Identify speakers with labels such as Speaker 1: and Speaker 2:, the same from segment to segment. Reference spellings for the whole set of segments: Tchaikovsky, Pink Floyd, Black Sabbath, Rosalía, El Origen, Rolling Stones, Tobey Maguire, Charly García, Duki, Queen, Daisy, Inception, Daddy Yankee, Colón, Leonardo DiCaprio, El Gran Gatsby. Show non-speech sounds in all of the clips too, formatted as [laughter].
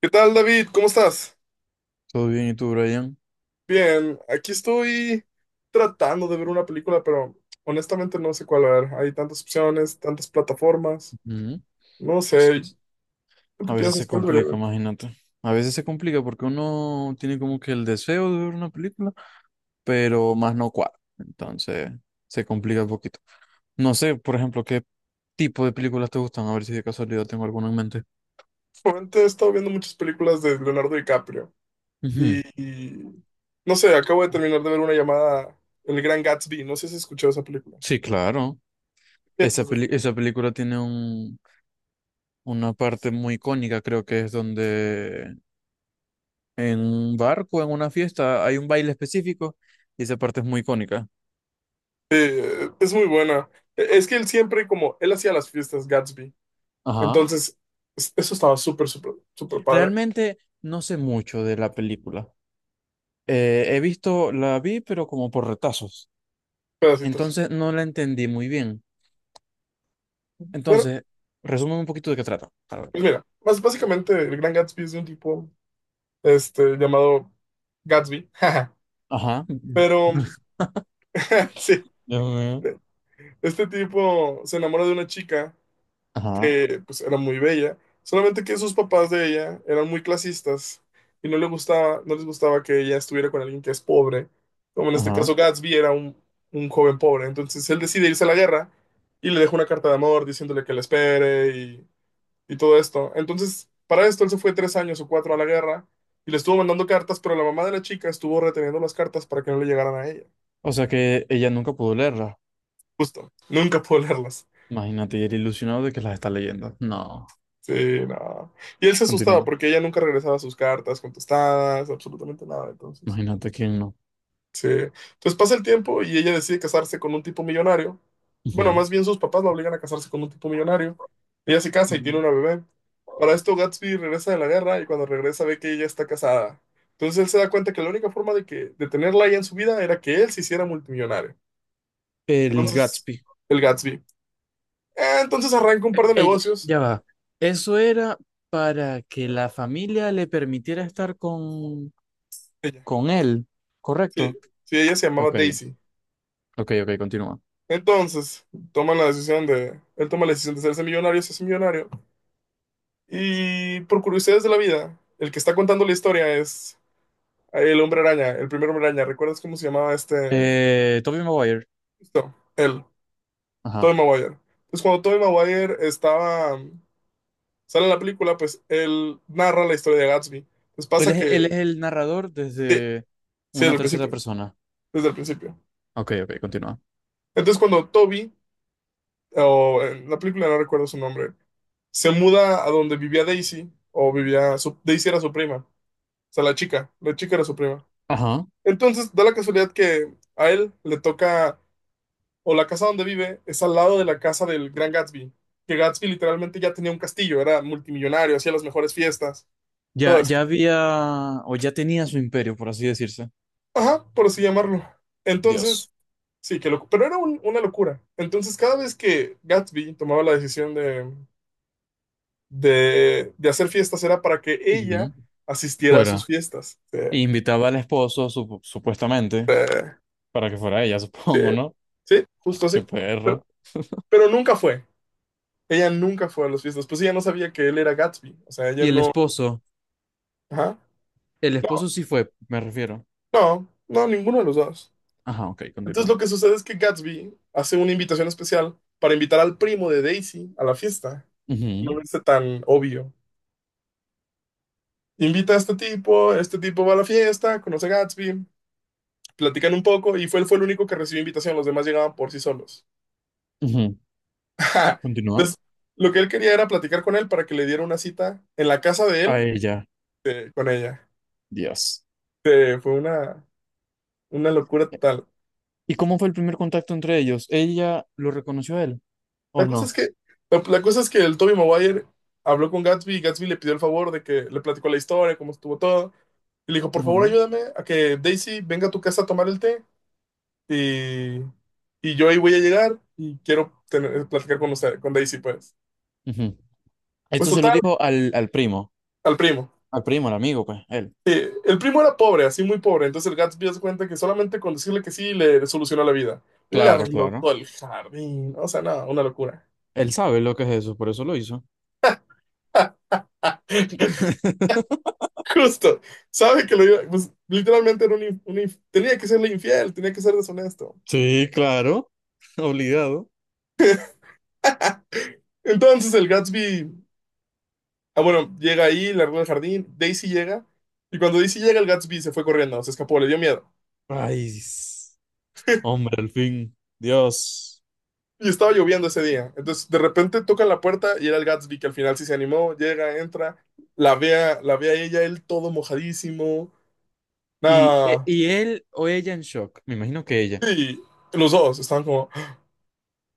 Speaker 1: ¿Qué tal, David? ¿Cómo estás?
Speaker 2: Todo bien, ¿y tú, Brian?
Speaker 1: Bien, aquí estoy tratando de ver una película, pero honestamente no sé cuál ver. Hay tantas opciones, tantas plataformas.
Speaker 2: Ujú.
Speaker 1: No sé,
Speaker 2: Sí.
Speaker 1: ¿tú qué
Speaker 2: A veces
Speaker 1: piensas?
Speaker 2: se
Speaker 1: ¿Cuál debería
Speaker 2: complica,
Speaker 1: ver?
Speaker 2: imagínate. A veces se complica porque uno tiene como que el deseo de ver una película, pero más no cuadra. Entonces, se complica un poquito. No sé, por ejemplo, qué tipo de películas te gustan, a ver si de casualidad tengo alguna en mente.
Speaker 1: Últimamente he estado viendo muchas películas de Leonardo DiCaprio y,
Speaker 2: Ujú.
Speaker 1: y no sé, acabo de terminar de ver una llamada El Gran Gatsby. No sé si has escuchado esa película.
Speaker 2: Sí, claro.
Speaker 1: ¿Qué piensas de esa película?
Speaker 2: Esa película tiene un, una parte muy icónica, creo que es donde en un barco, en una fiesta, hay un baile específico y esa parte es muy icónica.
Speaker 1: Es muy buena. Es que él siempre, como él hacía las fiestas Gatsby,
Speaker 2: Ajá.
Speaker 1: entonces eso estaba súper, súper, súper padre.
Speaker 2: Realmente no sé mucho de la película. He visto, la vi, pero como por retazos.
Speaker 1: Pedacitos.
Speaker 2: Entonces no la entendí muy bien.
Speaker 1: Bueno,
Speaker 2: Entonces, resumen un poquito de qué trata. A ver.
Speaker 1: pues mira, más básicamente el Gran Gatsby es de un tipo este, llamado Gatsby, [laughs]
Speaker 2: Ajá.
Speaker 1: pero
Speaker 2: [laughs]
Speaker 1: [laughs] sí,
Speaker 2: Dios mío.
Speaker 1: este tipo se enamora de una chica
Speaker 2: Ajá,
Speaker 1: que pues era muy bella, solamente que sus papás de ella eran muy clasistas y no le gustaba, no les gustaba que ella estuviera con alguien que es pobre, como en este
Speaker 2: ajá.
Speaker 1: caso Gatsby era un joven pobre, entonces él decide irse a la guerra y le deja una carta de amor diciéndole que la espere y todo esto. Entonces, para esto él se fue 3 años o 4 a la guerra y le estuvo mandando cartas, pero la mamá de la chica estuvo reteniendo las cartas para que no le llegaran a ella.
Speaker 2: O sea que ella nunca pudo leerla.
Speaker 1: Justo, nunca pudo leerlas.
Speaker 2: Imagínate, y era ilusionado de que las está leyendo. No,
Speaker 1: Sí, no. Y él se asustaba
Speaker 2: continúa.
Speaker 1: porque ella nunca regresaba sus cartas contestadas, absolutamente nada. Entonces,
Speaker 2: Imagínate quién no.
Speaker 1: sí. Entonces pasa el tiempo y ella decide casarse con un tipo millonario. Bueno,
Speaker 2: Ujú.
Speaker 1: más bien sus papás la obligan a casarse con un tipo millonario. Ella se casa y tiene una bebé. Para esto Gatsby regresa de la guerra y cuando regresa ve que ella está casada. Entonces él se da cuenta que la única forma de tenerla ahí en su vida era que él se hiciera multimillonario.
Speaker 2: El
Speaker 1: Entonces,
Speaker 2: Gatsby.
Speaker 1: el Gatsby. Ah, entonces arranca un par de negocios.
Speaker 2: Ya va. Eso era para que la familia le permitiera estar con
Speaker 1: Ella.
Speaker 2: con él,
Speaker 1: Sí,
Speaker 2: ¿correcto?
Speaker 1: sí, ella se llamaba
Speaker 2: Ok,
Speaker 1: Daisy.
Speaker 2: ok, ok, continúa.
Speaker 1: Entonces, toman la decisión de, él toma la decisión de hacerse millonario, se hace millonario. Y por curiosidades de la vida, el que está contando la historia es el hombre araña, el primer hombre araña. ¿Recuerdas cómo se llamaba este?
Speaker 2: Tobey Maguire.
Speaker 1: Esto, él,
Speaker 2: Ajá.
Speaker 1: Tobey Maguire. Pues cuando Tobey Maguire estaba, sale en la película, pues él narra la historia de Gatsby. Pues pasa
Speaker 2: Él
Speaker 1: que,
Speaker 2: es el narrador
Speaker 1: sí,
Speaker 2: desde
Speaker 1: sí, desde
Speaker 2: una
Speaker 1: el
Speaker 2: tercera
Speaker 1: principio,
Speaker 2: persona.
Speaker 1: desde el principio.
Speaker 2: Ok, ok, continúa.
Speaker 1: Entonces cuando Toby, o en la película no recuerdo su nombre, se muda a donde vivía Daisy, o vivía, Daisy era su prima, o sea, la chica era su prima.
Speaker 2: Ajá.
Speaker 1: Entonces, da la casualidad que a él le toca, o la casa donde vive es al lado de la casa del gran Gatsby, que Gatsby literalmente ya tenía un castillo, era multimillonario, hacía las mejores fiestas, todo
Speaker 2: Ya,
Speaker 1: esto.
Speaker 2: ya había, o ya tenía su imperio, por así decirse.
Speaker 1: Ajá, por así llamarlo.
Speaker 2: Dios.
Speaker 1: Entonces, sí, que loco, pero era una locura. Entonces, cada vez que Gatsby tomaba la decisión de hacer fiestas, era para que ella
Speaker 2: Ujú.
Speaker 1: asistiera a sus
Speaker 2: Fuera.
Speaker 1: fiestas. Sí,
Speaker 2: E invitaba al esposo, supuestamente, para que fuera ella, [laughs]
Speaker 1: sí,
Speaker 2: supongo, ¿no?
Speaker 1: sí, justo
Speaker 2: Qué
Speaker 1: así. Pero,
Speaker 2: perro.
Speaker 1: pero nunca fue. Ella nunca fue a las fiestas, pues ella no sabía que él era Gatsby, o sea, ella
Speaker 2: Y el
Speaker 1: no...
Speaker 2: esposo,
Speaker 1: Ajá.
Speaker 2: el esposo sí fue, me refiero.
Speaker 1: No, no, ninguno de los dos.
Speaker 2: Ajá, ok,
Speaker 1: Entonces
Speaker 2: continúa.
Speaker 1: lo que sucede es que Gatsby hace una invitación especial para invitar al primo de Daisy a la fiesta.
Speaker 2: Ujú,
Speaker 1: No es tan obvio. Invita a este tipo va a la fiesta, conoce a Gatsby, platican un poco y fue, él fue el único que recibió invitación, los demás llegaban por sí solos.
Speaker 2: ujú,
Speaker 1: [laughs] Ajá.
Speaker 2: continúa.
Speaker 1: Entonces, lo que él quería era platicar con él para que le diera una cita en la casa de
Speaker 2: A
Speaker 1: él
Speaker 2: ella.
Speaker 1: con ella.
Speaker 2: Dios.
Speaker 1: Fue una locura total.
Speaker 2: ¿Y cómo fue el primer contacto entre ellos? ¿Ella lo reconoció a él
Speaker 1: La
Speaker 2: o
Speaker 1: cosa es
Speaker 2: no?
Speaker 1: que, la cosa es que el Tobey Maguire habló con Gatsby y Gatsby le pidió el favor de que le platicó la historia, cómo estuvo todo. Y le dijo, por
Speaker 2: Ujú,
Speaker 1: favor,
Speaker 2: no.
Speaker 1: ayúdame a que Daisy venga a tu casa a tomar el té y, y yo ahí voy a llegar y platicar con usted, con Daisy, pues.
Speaker 2: Ujú.
Speaker 1: Pues
Speaker 2: Esto se lo
Speaker 1: total,
Speaker 2: dijo al, al primo,
Speaker 1: al primo.
Speaker 2: al primo, al amigo, pues, él.
Speaker 1: El primo era pobre, así muy pobre, entonces el Gatsby hace cuenta que solamente con decirle que sí le solucionó la vida. Le
Speaker 2: Claro,
Speaker 1: arregló
Speaker 2: claro.
Speaker 1: todo el jardín, o sea, nada una locura.
Speaker 2: Él sabe lo que es eso, por eso lo hizo.
Speaker 1: [laughs]
Speaker 2: [laughs]
Speaker 1: [laughs] Justo, sabe que lo iba, pues, literalmente era tenía que serle infiel, tenía que ser deshonesto.
Speaker 2: Sí, claro, [laughs] obligado.
Speaker 1: Entonces el Gatsby, ah, bueno, llega ahí, largó el jardín, Daisy llega, y cuando Daisy llega, el Gatsby se fue corriendo, se escapó, le dio miedo.
Speaker 2: Ay, s- Hombre, al fin, Dios.
Speaker 1: Y estaba lloviendo ese día. Entonces de repente toca la puerta y era el Gatsby que al final sí se animó, llega, entra, la ve a ella, él todo mojadísimo.
Speaker 2: Y, e-
Speaker 1: Nada.
Speaker 2: y él o ella en shock, me imagino que ella.
Speaker 1: Y los dos estaban como,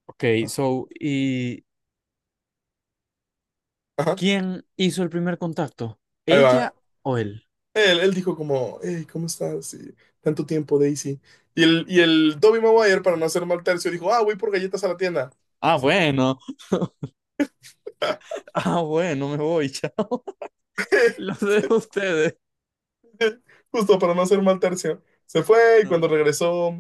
Speaker 2: Ok, so, ¿y
Speaker 1: ajá,
Speaker 2: quién hizo el primer contacto?
Speaker 1: ahí va.
Speaker 2: ¿Ella o él?
Speaker 1: Él dijo como, hey, ¿cómo estás? Y, tanto tiempo, Daisy. Y el Tobey Maguire, para no hacer mal tercio, dijo, ah, voy por galletas a la tienda. Y
Speaker 2: Ah,
Speaker 1: se fue.
Speaker 2: bueno.
Speaker 1: [laughs]
Speaker 2: Ah, bueno, me voy, [laughs] chao. Los dejo a ustedes.
Speaker 1: Justo para no hacer mal tercio. Se fue y cuando
Speaker 2: No.
Speaker 1: regresó,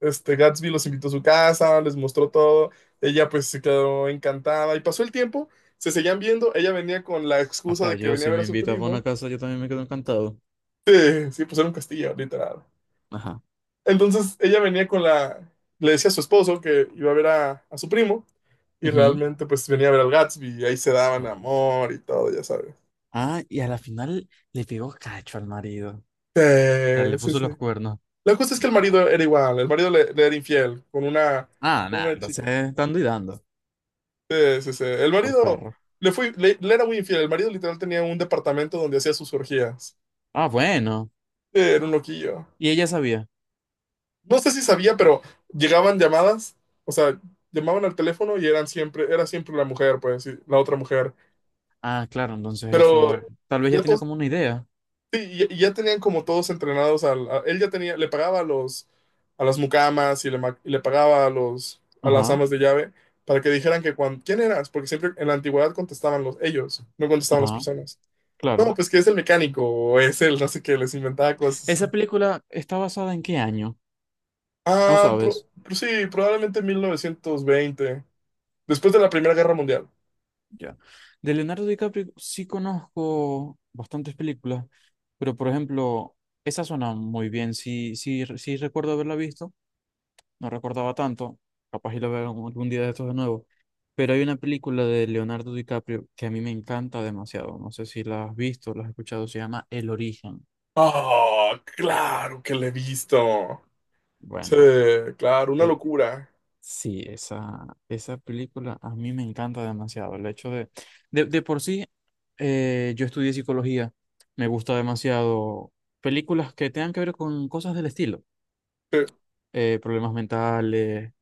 Speaker 1: este, Gatsby los invitó a su casa, les mostró todo. Ella pues se quedó encantada y pasó el tiempo, se seguían viendo. Ella venía con la excusa
Speaker 2: Hasta
Speaker 1: de que
Speaker 2: yo,
Speaker 1: venía a
Speaker 2: si
Speaker 1: ver
Speaker 2: me
Speaker 1: a su
Speaker 2: invitas a una
Speaker 1: primo.
Speaker 2: casa, yo también me quedo encantado.
Speaker 1: Sí, sí, pues era un castillo, literal.
Speaker 2: Ajá.
Speaker 1: Entonces ella venía con la, le decía a su esposo que iba a ver a su primo y
Speaker 2: Ujú.
Speaker 1: realmente pues venía a ver al Gatsby y ahí se daban amor y todo, ya sabes.
Speaker 2: Ah, y a la final le pegó cacho al marido. Ya
Speaker 1: Sí,
Speaker 2: le
Speaker 1: sí,
Speaker 2: puso
Speaker 1: sí.
Speaker 2: los cuernos.
Speaker 1: La cosa es que el
Speaker 2: Ah,
Speaker 1: marido era igual, el marido le era infiel
Speaker 2: ah,
Speaker 1: con
Speaker 2: nada,
Speaker 1: una chica.
Speaker 2: entonces dando y dando
Speaker 1: Sí, sí, sí. El
Speaker 2: por
Speaker 1: marido
Speaker 2: perro.
Speaker 1: le era muy infiel, el marido literal tenía un departamento donde hacía sus orgías.
Speaker 2: Ah, bueno.
Speaker 1: Sí, era un loquillo.
Speaker 2: Y ella sabía.
Speaker 1: No sé si sabía, pero llegaban llamadas, o sea, llamaban al teléfono y eran siempre, era siempre la mujer, pues, sí, la otra mujer.
Speaker 2: Ah, claro, entonces
Speaker 1: Pero
Speaker 2: eso.
Speaker 1: [laughs]
Speaker 2: Tal vez ya
Speaker 1: ya
Speaker 2: tenía
Speaker 1: todos,
Speaker 2: como una idea.
Speaker 1: sí, ya tenían como todos entrenados al, él ya tenía, le pagaba a los, a las mucamas y y le pagaba a los, a las
Speaker 2: Ajá,
Speaker 1: amas de llave para que dijeran que ¿quién eras? Porque siempre en la antigüedad contestaban los, ellos, no contestaban las
Speaker 2: ajá,
Speaker 1: personas. No,
Speaker 2: claro.
Speaker 1: pues que es el mecánico, o es el, no sé qué, les inventaba cosas.
Speaker 2: ¿Esa
Speaker 1: Así.
Speaker 2: película está basada en qué año? No
Speaker 1: Ah,
Speaker 2: sabes.
Speaker 1: pero sí, probablemente en 1920 después de la Primera Guerra Mundial.
Speaker 2: Ya. De Leonardo DiCaprio sí conozco bastantes películas, pero por ejemplo, esa suena muy bien. Sí, sí, sí recuerdo haberla visto, no recordaba tanto, capaz y la veo algún día de estos de nuevo. Pero hay una película de Leonardo DiCaprio que a mí me encanta demasiado. No sé si la has visto, la has escuchado, se llama El Origen.
Speaker 1: Oh, claro que le he visto. Sí,
Speaker 2: Bueno.
Speaker 1: claro, una
Speaker 2: e-
Speaker 1: locura.
Speaker 2: Sí, esa película a mí me encanta demasiado. El hecho de, de por sí, yo estudié psicología, me gusta demasiado películas que tengan que ver con cosas del estilo,
Speaker 1: Sí,
Speaker 2: problemas mentales,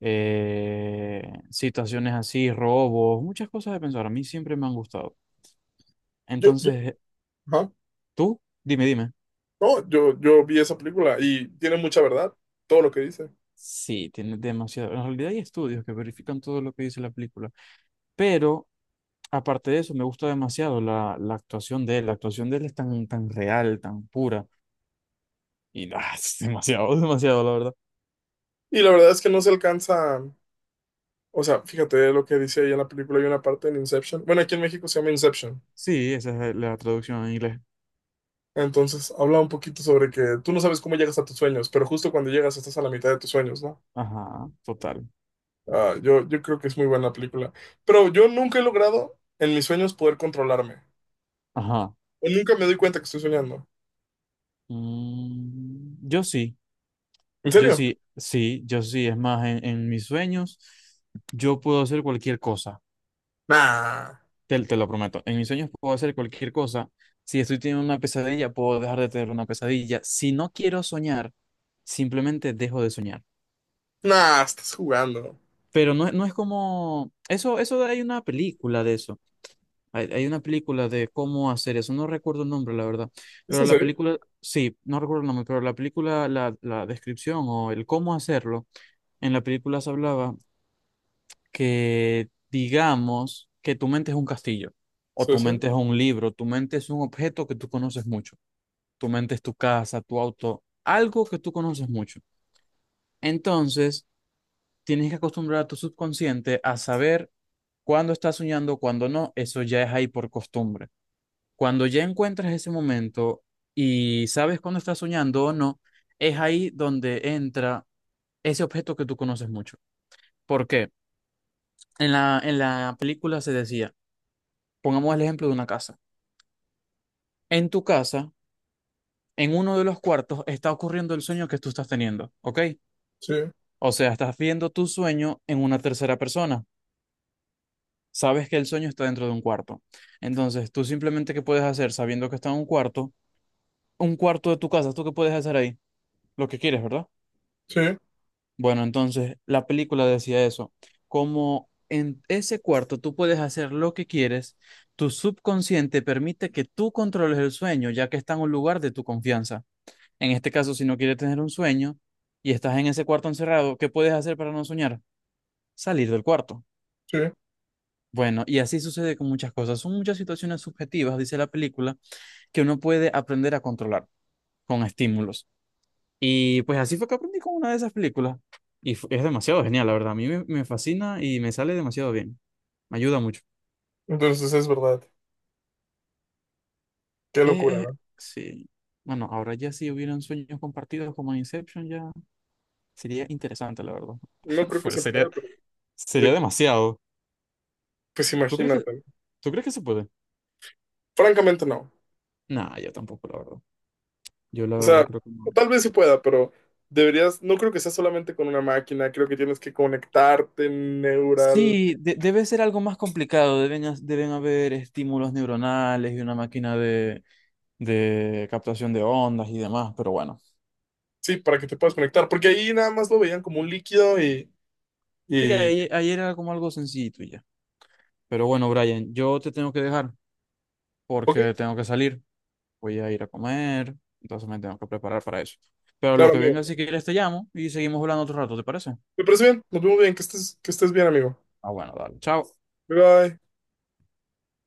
Speaker 2: eh, situaciones así, robos, muchas cosas de pensar. A mí siempre me han gustado.
Speaker 1: yo
Speaker 2: Entonces,
Speaker 1: ajá.
Speaker 2: tú, dime, dime.
Speaker 1: No, yo vi esa película y tiene mucha verdad, todo lo que dice.
Speaker 2: Sí, tiene demasiado. En realidad hay estudios que verifican todo lo que dice la película. Pero aparte de eso, me gusta demasiado la, la actuación de él. La actuación de él es tan, tan real, tan pura. Y ah, es demasiado, [laughs] demasiado, la verdad.
Speaker 1: Y la verdad es que no se alcanza, o sea, fíjate lo que dice ahí en la película, hay una parte en Inception. Bueno, aquí en México se llama Inception.
Speaker 2: Sí, esa es la traducción en inglés.
Speaker 1: Entonces, habla un poquito sobre que tú no sabes cómo llegas a tus sueños, pero justo cuando llegas estás a la mitad de tus sueños, ¿no?
Speaker 2: Ajá, total.
Speaker 1: Ah, yo creo que es muy buena película. Pero yo nunca he logrado en mis sueños poder controlarme.
Speaker 2: Ajá.
Speaker 1: O nunca me doy cuenta que estoy soñando.
Speaker 2: Mm, yo sí,
Speaker 1: ¿En
Speaker 2: yo
Speaker 1: serio?
Speaker 2: sí, sí, yo sí. Es más, en mis sueños, yo puedo hacer cualquier cosa.
Speaker 1: Nah,
Speaker 2: Te lo prometo. En mis sueños puedo hacer cualquier cosa. Si estoy teniendo una pesadilla, puedo dejar de tener una pesadilla. Si no quiero soñar, simplemente dejo de soñar.
Speaker 1: nah, estás jugando.
Speaker 2: Pero no, no es como... Eso hay una película de eso. Hay una película de cómo hacer eso. No recuerdo el nombre, la verdad.
Speaker 1: ¿Es
Speaker 2: Pero
Speaker 1: en
Speaker 2: la
Speaker 1: serio?
Speaker 2: película, sí, no recuerdo el nombre, pero la película, la descripción o el cómo hacerlo, en la película se hablaba que digamos que tu mente es un castillo, o
Speaker 1: Sí,
Speaker 2: tu
Speaker 1: sí,
Speaker 2: mente es un libro, tu mente es un objeto que tú conoces mucho, tu mente es tu casa, tu auto, algo que tú conoces mucho. Entonces, tienes que acostumbrar a tu subconsciente a saber cuándo estás soñando, cuándo no, eso ya es ahí por costumbre. Cuando ya encuentras ese momento y sabes cuándo estás soñando o no, es ahí donde entra ese objeto que tú conoces mucho. ¿Por qué? En la película se decía, pongamos el ejemplo de una casa. En tu casa, en uno de los cuartos, está ocurriendo el sueño que tú estás teniendo, ¿ok?
Speaker 1: sí,
Speaker 2: O sea, estás viendo tu sueño en una tercera persona. Sabes que el sueño está dentro de un cuarto. Entonces, tú simplemente, ¿qué puedes hacer sabiendo que está en un cuarto? Un cuarto de tu casa, ¿tú qué puedes hacer ahí? Lo que quieres, ¿verdad?
Speaker 1: sí,
Speaker 2: Bueno, entonces la película decía eso, como en ese cuarto tú puedes hacer lo que quieres, tu subconsciente permite que tú controles el sueño, ya que está en un lugar de tu confianza. En este caso, si no quieres tener un sueño y estás en ese cuarto encerrado, ¿qué puedes hacer para no soñar? Salir del cuarto.
Speaker 1: sí.
Speaker 2: Bueno, y así sucede con muchas cosas. Son muchas situaciones subjetivas, dice la película, que uno puede aprender a controlar con estímulos. Y pues así fue que aprendí con una de esas películas. Es demasiado genial, la verdad. A mí me, me fascina y me sale demasiado bien. Me ayuda mucho.
Speaker 1: Entonces es verdad. Qué locura,
Speaker 2: Eh, eh,
Speaker 1: ¿no?
Speaker 2: sí. Bueno, ahora ya si hubieran sueños compartidos como en Inception, ya sería interesante, la verdad.
Speaker 1: No
Speaker 2: [laughs]
Speaker 1: creo que
Speaker 2: Fuera,
Speaker 1: se
Speaker 2: sería,
Speaker 1: pueda, pero
Speaker 2: sería
Speaker 1: eh,
Speaker 2: demasiado.
Speaker 1: pues
Speaker 2: ¿Tú crees
Speaker 1: imagínate.
Speaker 2: que,
Speaker 1: ¿No?
Speaker 2: tú crees que se puede?
Speaker 1: Francamente no.
Speaker 2: Nah, yo tampoco, la verdad. Yo la
Speaker 1: O
Speaker 2: verdad
Speaker 1: sea,
Speaker 2: creo que no.
Speaker 1: tal vez se pueda, pero deberías, no creo que sea solamente con una máquina, creo que tienes que conectarte neural.
Speaker 2: Sí, debe ser algo más complicado. Deben haber estímulos neuronales y una máquina de captación de ondas y demás, pero bueno.
Speaker 1: Sí, para que te puedas conectar, porque ahí nada más lo veían como un líquido
Speaker 2: Sí,
Speaker 1: y
Speaker 2: ahí, ahí era como algo sencillito y ya. Pero bueno, Brian, yo te tengo que dejar
Speaker 1: ok,
Speaker 2: porque tengo que salir. Voy a ir a comer, entonces me tengo que preparar para eso. Pero lo
Speaker 1: claro,
Speaker 2: que venga, si
Speaker 1: amigo.
Speaker 2: quieres, te llamo y seguimos hablando otro rato, ¿te parece?
Speaker 1: Me parece bien, nos vemos bien, que estés bien, amigo.
Speaker 2: Ah, bueno, dale. Chao.
Speaker 1: Bye bye.